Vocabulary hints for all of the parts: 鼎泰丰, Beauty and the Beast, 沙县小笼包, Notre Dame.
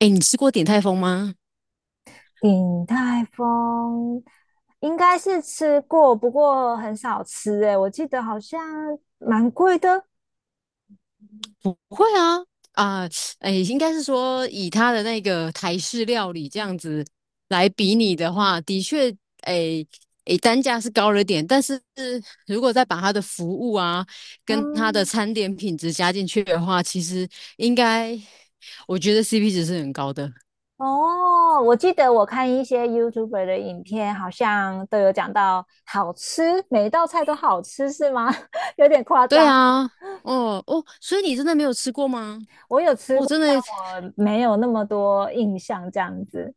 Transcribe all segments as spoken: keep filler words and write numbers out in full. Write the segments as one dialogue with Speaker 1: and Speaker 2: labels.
Speaker 1: 哎，你吃过鼎泰丰吗？
Speaker 2: 鼎泰丰应该是吃过，不过很少吃诶，哎我记得好像蛮贵的。
Speaker 1: 不会啊，啊、哎，应该是说以他的那个台式料理这样子来比拟的话，的确，哎哎，单价是高了点，但是如果再把它的服务啊跟它的
Speaker 2: 嗯，
Speaker 1: 餐点品质加进去的话，其实应该我觉得 C P 值是很高的。
Speaker 2: 哦，我记得我看一些 YouTuber 的影片，好像都有讲到好吃，每一道菜都好吃，是吗？有点夸
Speaker 1: 对
Speaker 2: 张。
Speaker 1: 啊，哦哦，所以你真的没有吃过吗？
Speaker 2: 我有吃
Speaker 1: 我、
Speaker 2: 过，
Speaker 1: 真的，
Speaker 2: 但我没有那么多印象，这样子。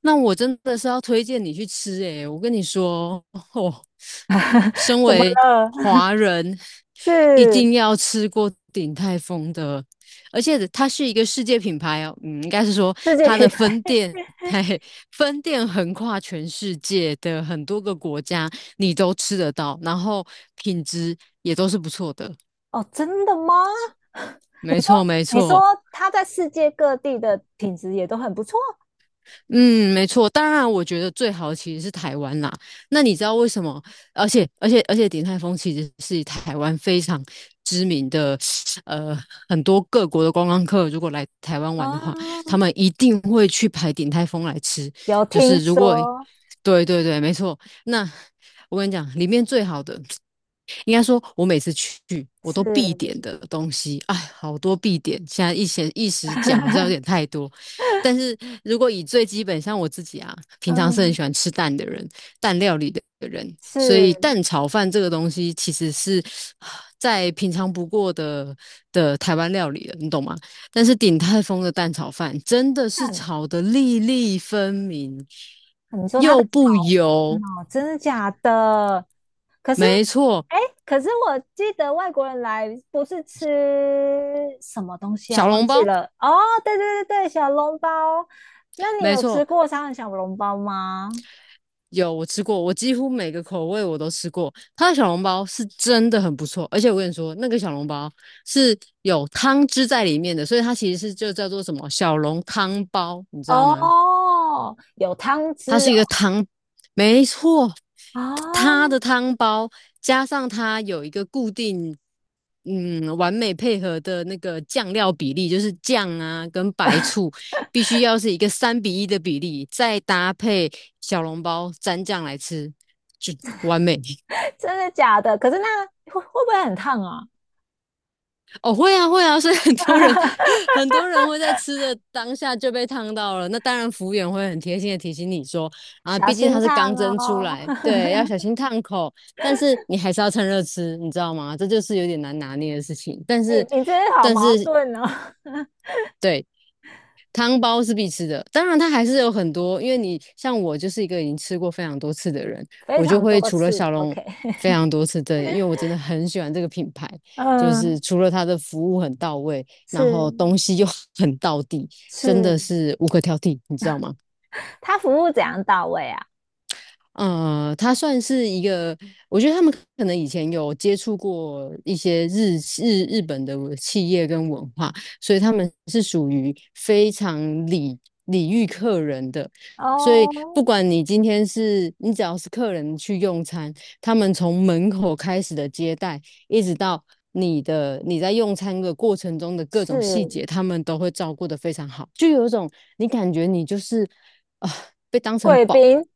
Speaker 1: 那我真的是要推荐你去吃诶、我跟你说，哦，身
Speaker 2: 怎么
Speaker 1: 为
Speaker 2: 了？
Speaker 1: 华人，一
Speaker 2: 是
Speaker 1: 定要吃过鼎泰丰的，而且它是一个世界品牌哦，嗯，应该是说
Speaker 2: 世界
Speaker 1: 它的
Speaker 2: 品牌？
Speaker 1: 分店，嘿，分店横跨全世界的很多个国家，你都吃得到，然后品质也都是不错的。
Speaker 2: 哦，真的吗？
Speaker 1: 没错，没
Speaker 2: 你
Speaker 1: 错。
Speaker 2: 说他在世界各地的品质也都很不错，
Speaker 1: 嗯，没错。当然，我觉得最好其实是台湾啦。那你知道为什么？而且，而且，而且，鼎泰丰其实是台湾非常知名的，呃，很多各国的观光客如果来台湾玩的话，他
Speaker 2: 啊，
Speaker 1: 们一定会去排鼎泰丰来吃。
Speaker 2: 有
Speaker 1: 就
Speaker 2: 听
Speaker 1: 是如果，
Speaker 2: 说
Speaker 1: 对对对，没错。那我跟你讲，里面最好的应该说，我每次去我都必点
Speaker 2: 是，
Speaker 1: 的东西，哎，好多必点。现在一时一时讲好像有点 太多，但是如果以最基本，像我自己啊，平常是很喜
Speaker 2: 嗯，
Speaker 1: 欢吃蛋的人，蛋料理的人，所以
Speaker 2: 是，
Speaker 1: 蛋炒饭这个东西其实是啊再平常不过的的台湾料理了，你懂吗？但是鼎泰丰的蛋炒饭真的是
Speaker 2: 但
Speaker 1: 炒得粒粒分明，
Speaker 2: 你说他
Speaker 1: 又
Speaker 2: 的炒
Speaker 1: 不
Speaker 2: 饭
Speaker 1: 油，
Speaker 2: 哦，真的假的？可是，
Speaker 1: 没错，
Speaker 2: 哎，可是我记得外国人来不是吃什么东西啊？
Speaker 1: 小
Speaker 2: 忘
Speaker 1: 笼
Speaker 2: 记
Speaker 1: 包。
Speaker 2: 了。哦，对对对对，小笼包。那你
Speaker 1: 没
Speaker 2: 有
Speaker 1: 错，
Speaker 2: 吃过沙县小笼包吗？
Speaker 1: 有，我吃过，我几乎每个口味我都吃过。它的小笼包是真的很不错，而且我跟你说，那个小笼包是有汤汁在里面的，所以它其实是就叫做什么小笼汤包，你知道吗？
Speaker 2: 哦，有汤
Speaker 1: 它
Speaker 2: 汁
Speaker 1: 是一
Speaker 2: 哦。
Speaker 1: 个汤，没错，它
Speaker 2: 啊，
Speaker 1: 的汤包加上它有一个固定，嗯，完美配合的那个酱料比例，就是酱啊跟白醋必须要是一个三比一的比例，再搭配小笼包蘸酱来吃，就完美。
Speaker 2: 真的假的？可是那会会不会很烫啊？
Speaker 1: 哦，会啊，会啊，所以很多人 很多 人会在吃的当下就被烫到了。那当然，服务员会很贴心的提醒你说，啊，
Speaker 2: 小
Speaker 1: 毕竟它
Speaker 2: 心
Speaker 1: 是刚
Speaker 2: 烫
Speaker 1: 蒸出
Speaker 2: 哦！
Speaker 1: 来，对，要小 心烫口。但是你还是要趁热吃，你知道吗？这就是有点难拿捏的事情。但
Speaker 2: 你
Speaker 1: 是，
Speaker 2: 你真的好
Speaker 1: 但
Speaker 2: 矛
Speaker 1: 是，
Speaker 2: 盾哦，
Speaker 1: 对，汤包是必吃的，当然它还是有很多，因为你像我就是一个已经吃过非常多次的人，
Speaker 2: 非
Speaker 1: 我就
Speaker 2: 常
Speaker 1: 会
Speaker 2: 多
Speaker 1: 除了
Speaker 2: 次。
Speaker 1: 小龙
Speaker 2: OK，
Speaker 1: 非常多次的，因为我真的很喜欢这个品牌，就是
Speaker 2: 嗯，
Speaker 1: 除了它的服务很到位，然
Speaker 2: 是
Speaker 1: 后东西又 很到底，真
Speaker 2: 是，
Speaker 1: 的是无可挑剔，你知道吗？
Speaker 2: 他服务怎样到位啊？
Speaker 1: 呃，它算是一个，我觉得他们可能以前有接触过一些日日日本的企业跟文化，所以他们是属于非常礼礼遇客人的。所以
Speaker 2: 哦，
Speaker 1: 不管你今天是你只要是客人去用餐，他们从门口开始的接待，一直到你的你在用餐的过程中的各种细节，
Speaker 2: 是
Speaker 1: 他们都会照顾得非常好，就有一种你感觉你就是啊、被当成
Speaker 2: 贵
Speaker 1: 宝。
Speaker 2: 宾，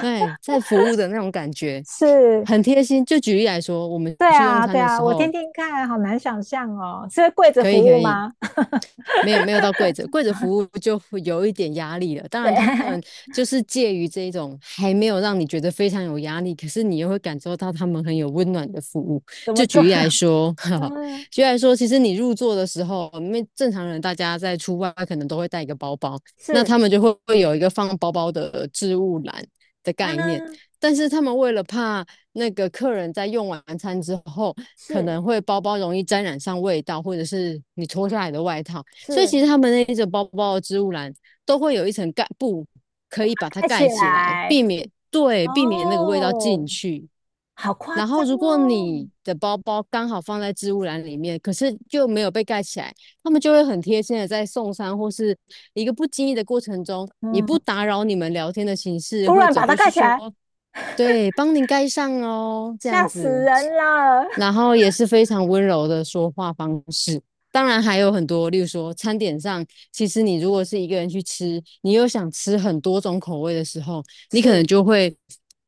Speaker 1: 对，在服务的那种感觉，
Speaker 2: 是，
Speaker 1: 很贴心。就举例来说，我们
Speaker 2: 对
Speaker 1: 去用
Speaker 2: 啊
Speaker 1: 餐
Speaker 2: 对
Speaker 1: 的
Speaker 2: 啊，
Speaker 1: 时
Speaker 2: 我
Speaker 1: 候，
Speaker 2: 听听看，好难想象哦，是跪着
Speaker 1: 可
Speaker 2: 服
Speaker 1: 以可
Speaker 2: 务
Speaker 1: 以，
Speaker 2: 吗？
Speaker 1: 没有没有到柜子，柜子服务就会有一点压力了。当
Speaker 2: 对，
Speaker 1: 然，他们 就是介于这一种还没有让你觉得非常有压力，可是你又会感受到他们很有温暖的服务。
Speaker 2: 怎
Speaker 1: 就
Speaker 2: 么做？
Speaker 1: 举例来 说，哈哈，
Speaker 2: 嗯，
Speaker 1: 举例来说，其实你入座的时候，因为正常人大家在出外可能都会带一个包包，那他
Speaker 2: 是，
Speaker 1: 们就会会有一个放包包的置物篮的概念。
Speaker 2: 嗯，
Speaker 1: 但是他们为了怕那个客人在用完餐之后，可能
Speaker 2: 是
Speaker 1: 会包包容易沾染上味道，或者是你脱下来的外套，所以
Speaker 2: 是。
Speaker 1: 其实他们那一种包包的植物篮都会有一层盖布，可以把它
Speaker 2: 戴起
Speaker 1: 盖起来，
Speaker 2: 来，
Speaker 1: 避免对避免那个味道进
Speaker 2: 哦，
Speaker 1: 去。
Speaker 2: 好夸
Speaker 1: 然后
Speaker 2: 张
Speaker 1: 如果
Speaker 2: 哦，
Speaker 1: 你的包包刚好放在置物篮里面，可是就没有被盖起来，他们就会很贴心的在送餐或是一个不经意的过程中，以不
Speaker 2: 嗯，
Speaker 1: 打扰你们聊天的形式，
Speaker 2: 突
Speaker 1: 会
Speaker 2: 然
Speaker 1: 走
Speaker 2: 把它
Speaker 1: 过去
Speaker 2: 盖起
Speaker 1: 说：
Speaker 2: 来，
Speaker 1: “对，帮您盖上哦。"这样
Speaker 2: 吓死
Speaker 1: 子。
Speaker 2: 人了。
Speaker 1: 然后也是非常温柔的说话方式。当然还有很多，例如说餐点上，其实你如果是一个人去吃，你又想吃很多种口味的时候，你可能
Speaker 2: 是，
Speaker 1: 就会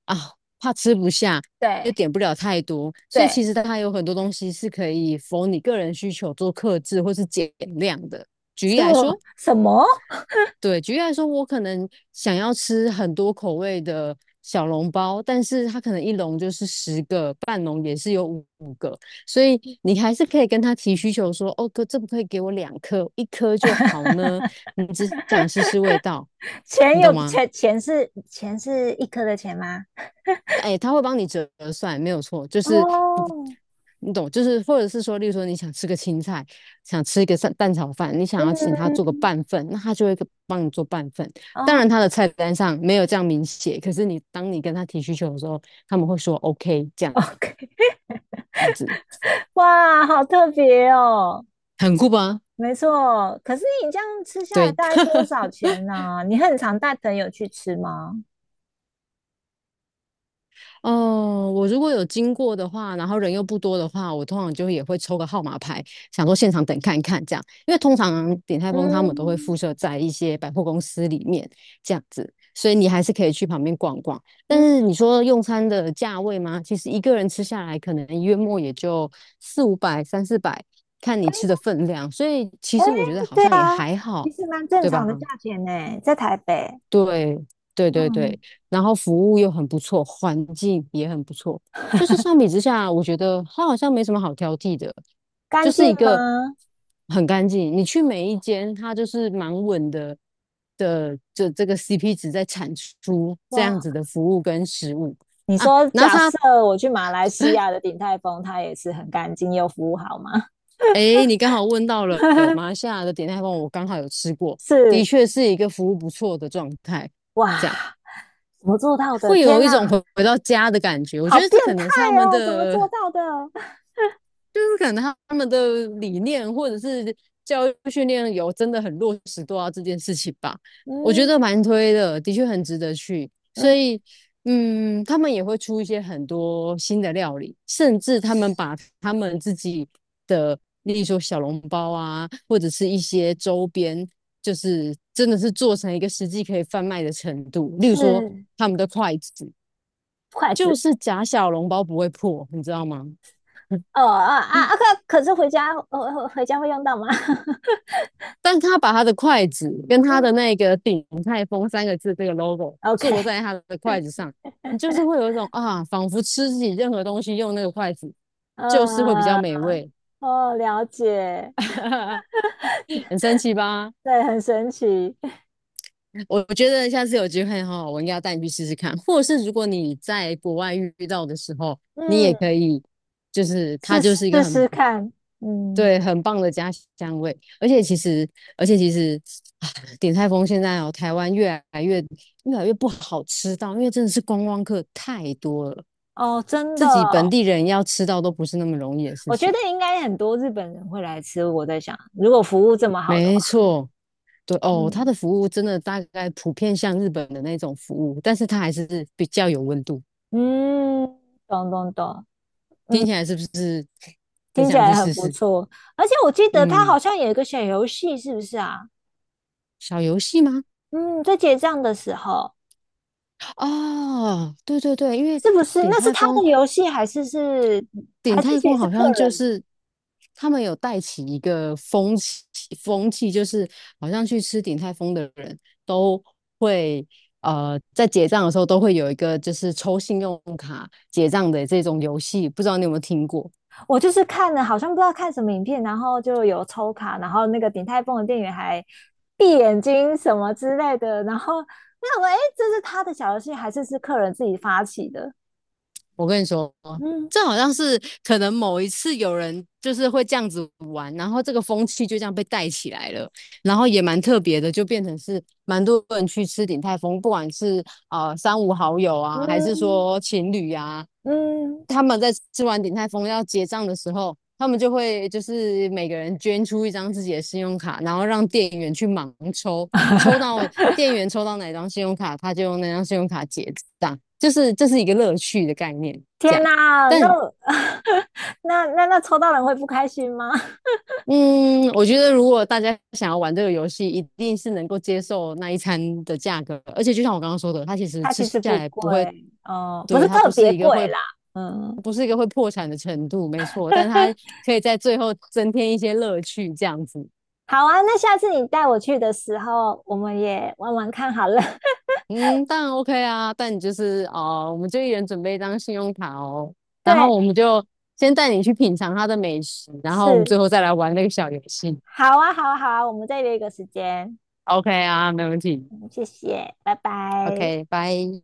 Speaker 1: 啊怕吃不下，
Speaker 2: 对
Speaker 1: 又点不了太多。所以
Speaker 2: 对，
Speaker 1: 其实它有很多东西是可以否你个人需求做克制或是减量的。举例
Speaker 2: 什
Speaker 1: 来说。
Speaker 2: 什么？
Speaker 1: 对，举例来说，我可能想要吃很多口味的小笼包，但是它可能一笼就是十个，半笼也是有五五个，所以你还是可以跟他提需求说，哦哥，这不可以给我两颗，一颗就好呢？你只想试试味道，
Speaker 2: 钱
Speaker 1: 你懂
Speaker 2: 有
Speaker 1: 吗？
Speaker 2: 钱钱是钱是一颗的钱吗？
Speaker 1: 哎，他会帮你折算，没有错，就是不，
Speaker 2: 哦，
Speaker 1: 你懂，就是或者是说，例如说你想吃个青菜，想吃一个蛋蛋炒饭，你想要请他做个
Speaker 2: 嗯，
Speaker 1: 半份，那他就会帮你做半份。当
Speaker 2: 哦
Speaker 1: 然，他的菜单上没有这样明写，可是你当你跟他提需求的时候，他们会说 OK,这样
Speaker 2: ，OK，哇，好特别哦，
Speaker 1: 很酷吧？
Speaker 2: 没错。可是你这样吃下来
Speaker 1: 对。
Speaker 2: 大概多少钱呢、你很常带朋友去吃吗？
Speaker 1: 哦，我如果有经过的话，然后人又不多的话，我通常就也会抽个号码牌，想说现场等看一看这样。因为通常鼎泰丰他们都会附
Speaker 2: 嗯，
Speaker 1: 设在一些百货公司里面这样子，所以你还是可以去旁边逛逛。但
Speaker 2: 嗯，
Speaker 1: 是你说用餐的价位吗？其实一个人吃下来，可能月末也就四五百、三四百，看你
Speaker 2: 哎
Speaker 1: 吃的分量。所以其
Speaker 2: 哎，
Speaker 1: 实我觉得好
Speaker 2: 对
Speaker 1: 像也
Speaker 2: 啊，
Speaker 1: 还好，
Speaker 2: 其实蛮正
Speaker 1: 对吧？
Speaker 2: 常的价钱呢，在台北。
Speaker 1: 对对对
Speaker 2: 嗯，
Speaker 1: 对，然后服务又很不错，环境也很不错，就是相比之下，我觉得它好像没什么好挑剔的，就
Speaker 2: 干
Speaker 1: 是
Speaker 2: 净
Speaker 1: 一个
Speaker 2: 吗？
Speaker 1: 很干净。你去每一间，它就是蛮稳的的这这个 C P 值在产出这样
Speaker 2: 哇，
Speaker 1: 子的服务跟食物
Speaker 2: 你
Speaker 1: 啊。
Speaker 2: 说
Speaker 1: 然后
Speaker 2: 假
Speaker 1: 它，
Speaker 2: 设我去马来西亚的 鼎泰丰，它也是很干净又服务好吗？
Speaker 1: 哎，你刚好问到了马来 西亚的点泰丰，我刚好有吃过，的
Speaker 2: 是，
Speaker 1: 确是一个服务不错的状态。这样。
Speaker 2: 哇，怎么做到的？
Speaker 1: 会有
Speaker 2: 天
Speaker 1: 一种
Speaker 2: 哪，
Speaker 1: 回回到家的感觉。我觉
Speaker 2: 好
Speaker 1: 得这
Speaker 2: 变
Speaker 1: 可
Speaker 2: 态
Speaker 1: 能是他们
Speaker 2: 哦！怎么
Speaker 1: 的，
Speaker 2: 做到的？
Speaker 1: 就是可能他们的理念或者是教育训练有真的很落实做到这件事情吧。我觉得
Speaker 2: 嗯
Speaker 1: 蛮推的，的确很值得去。所
Speaker 2: 嗯，
Speaker 1: 以，嗯，他们也会出一些很多新的料理，甚至他们把他们自己的，例如说小笼包啊，或者是一些周边，就是真的是做成一个实际可以贩卖的程度。例如说
Speaker 2: 是
Speaker 1: 他们的筷子，
Speaker 2: 筷
Speaker 1: 就
Speaker 2: 子。
Speaker 1: 是假小笼包不会破，你知道吗？
Speaker 2: 哦啊啊啊！可可是回家，呃，回家会用到吗？
Speaker 1: 但他把他的筷子跟 他
Speaker 2: 嗯
Speaker 1: 的那个"鼎泰丰"三个字这个 logo 做
Speaker 2: ，OK，
Speaker 1: 在他的筷子上，你就是会有一种啊，仿佛吃自己任何东西用那个筷子，就是会比较
Speaker 2: 呃，
Speaker 1: 美味，
Speaker 2: 哦，了解，
Speaker 1: 很神奇吧？
Speaker 2: 对，很神奇，
Speaker 1: 我觉得下次有机会哈，我应该要带你去试试看，或是如果你在国外遇到的时候，你也可
Speaker 2: 嗯，
Speaker 1: 以，就是它
Speaker 2: 试
Speaker 1: 就是一个
Speaker 2: 试
Speaker 1: 很
Speaker 2: 试看，嗯，
Speaker 1: 对，很棒的家乡味，而且其实，而且其实，啊鼎泰丰现在哦，台湾越来越越来越不好吃到，因为真的是观光客太多了，
Speaker 2: 哦，真的
Speaker 1: 自己本
Speaker 2: 哦。
Speaker 1: 地人要吃到都不是那么容易的事
Speaker 2: 我觉
Speaker 1: 情。
Speaker 2: 得应该很多日本人会来吃。我在想，如果服务这么好的
Speaker 1: 没
Speaker 2: 话，
Speaker 1: 错，对哦，它的
Speaker 2: 嗯
Speaker 1: 服务真的大概普遍像日本的那种服务，但是它还是比较有温度。
Speaker 2: 嗯，懂懂懂，
Speaker 1: 听
Speaker 2: 嗯，
Speaker 1: 起来是不是很
Speaker 2: 听起
Speaker 1: 想去
Speaker 2: 来很
Speaker 1: 试
Speaker 2: 不
Speaker 1: 试？
Speaker 2: 错。而且我记得他
Speaker 1: 嗯，
Speaker 2: 好像有一个小游戏，是不是啊？
Speaker 1: 小游戏吗？
Speaker 2: 嗯，在结账的时候，
Speaker 1: 哦，对对对，因为
Speaker 2: 是不是？
Speaker 1: 鼎
Speaker 2: 那是
Speaker 1: 泰
Speaker 2: 他
Speaker 1: 丰
Speaker 2: 的游戏，还是是还
Speaker 1: 鼎
Speaker 2: 是
Speaker 1: 泰
Speaker 2: 其
Speaker 1: 丰
Speaker 2: 实是
Speaker 1: 好
Speaker 2: 客
Speaker 1: 像就
Speaker 2: 人？
Speaker 1: 是他们有带起一个风气，风气就是好像去吃鼎泰丰的人都会呃在结账的时候都会有一个就是抽信用卡结账的这种游戏，不知道你有没有听过？
Speaker 2: 我就是看了，好像不知道看什么影片，然后就有抽卡，然后那个鼎泰丰的店员还闭眼睛什么之类的，然后那我哎，诶这是他的小游戏，还是是客人自己发起的？
Speaker 1: 我跟你说，
Speaker 2: 嗯
Speaker 1: 这好像是可能某一次有人就是会这样子玩，然后这个风气就这样被带起来了。然后也蛮特别的，就变成是蛮多人去吃鼎泰丰，不管是啊三五好友啊，还是
Speaker 2: 嗯
Speaker 1: 说情侣啊，
Speaker 2: 嗯，
Speaker 1: 他们在吃完鼎泰丰要结账的时候，他们就会就是每个人捐出一张自己的信用卡，然后让店员去盲抽，抽到店员抽到哪张信用卡，他就用那张信用卡结账，就是这是一个乐趣的概念，这
Speaker 2: 天
Speaker 1: 样。
Speaker 2: 哪，那
Speaker 1: 但
Speaker 2: 我 那那那抽到人会不开心吗？
Speaker 1: 嗯，我觉得如果大家想要玩这个游戏，一定是能够接受那一餐的价格，而且就像我刚刚说的，它其实
Speaker 2: 它
Speaker 1: 吃
Speaker 2: 其实
Speaker 1: 下
Speaker 2: 不
Speaker 1: 来
Speaker 2: 贵
Speaker 1: 不会，
Speaker 2: 哦，不
Speaker 1: 对，
Speaker 2: 是
Speaker 1: 它不
Speaker 2: 特
Speaker 1: 是
Speaker 2: 别
Speaker 1: 一个
Speaker 2: 贵
Speaker 1: 会，
Speaker 2: 啦。嗯，
Speaker 1: 不是一个会破产的程度，没错，但它 可以在最后增添一些乐趣，这样子。
Speaker 2: 好啊，那下次你带我去的时候，我们也玩玩看好了。
Speaker 1: 嗯，当然 OK 啊，但你就是哦，我们就一人准备一张信用卡哦，然后
Speaker 2: 对，
Speaker 1: 我们就先带你去品尝它的美食，然后我们最
Speaker 2: 是。
Speaker 1: 后再来玩那个小游戏。
Speaker 2: 好啊，好啊，好啊，我们再约一个时间。
Speaker 1: OK 啊，没问题。
Speaker 2: 嗯，谢谢，拜拜。
Speaker 1: OK,拜。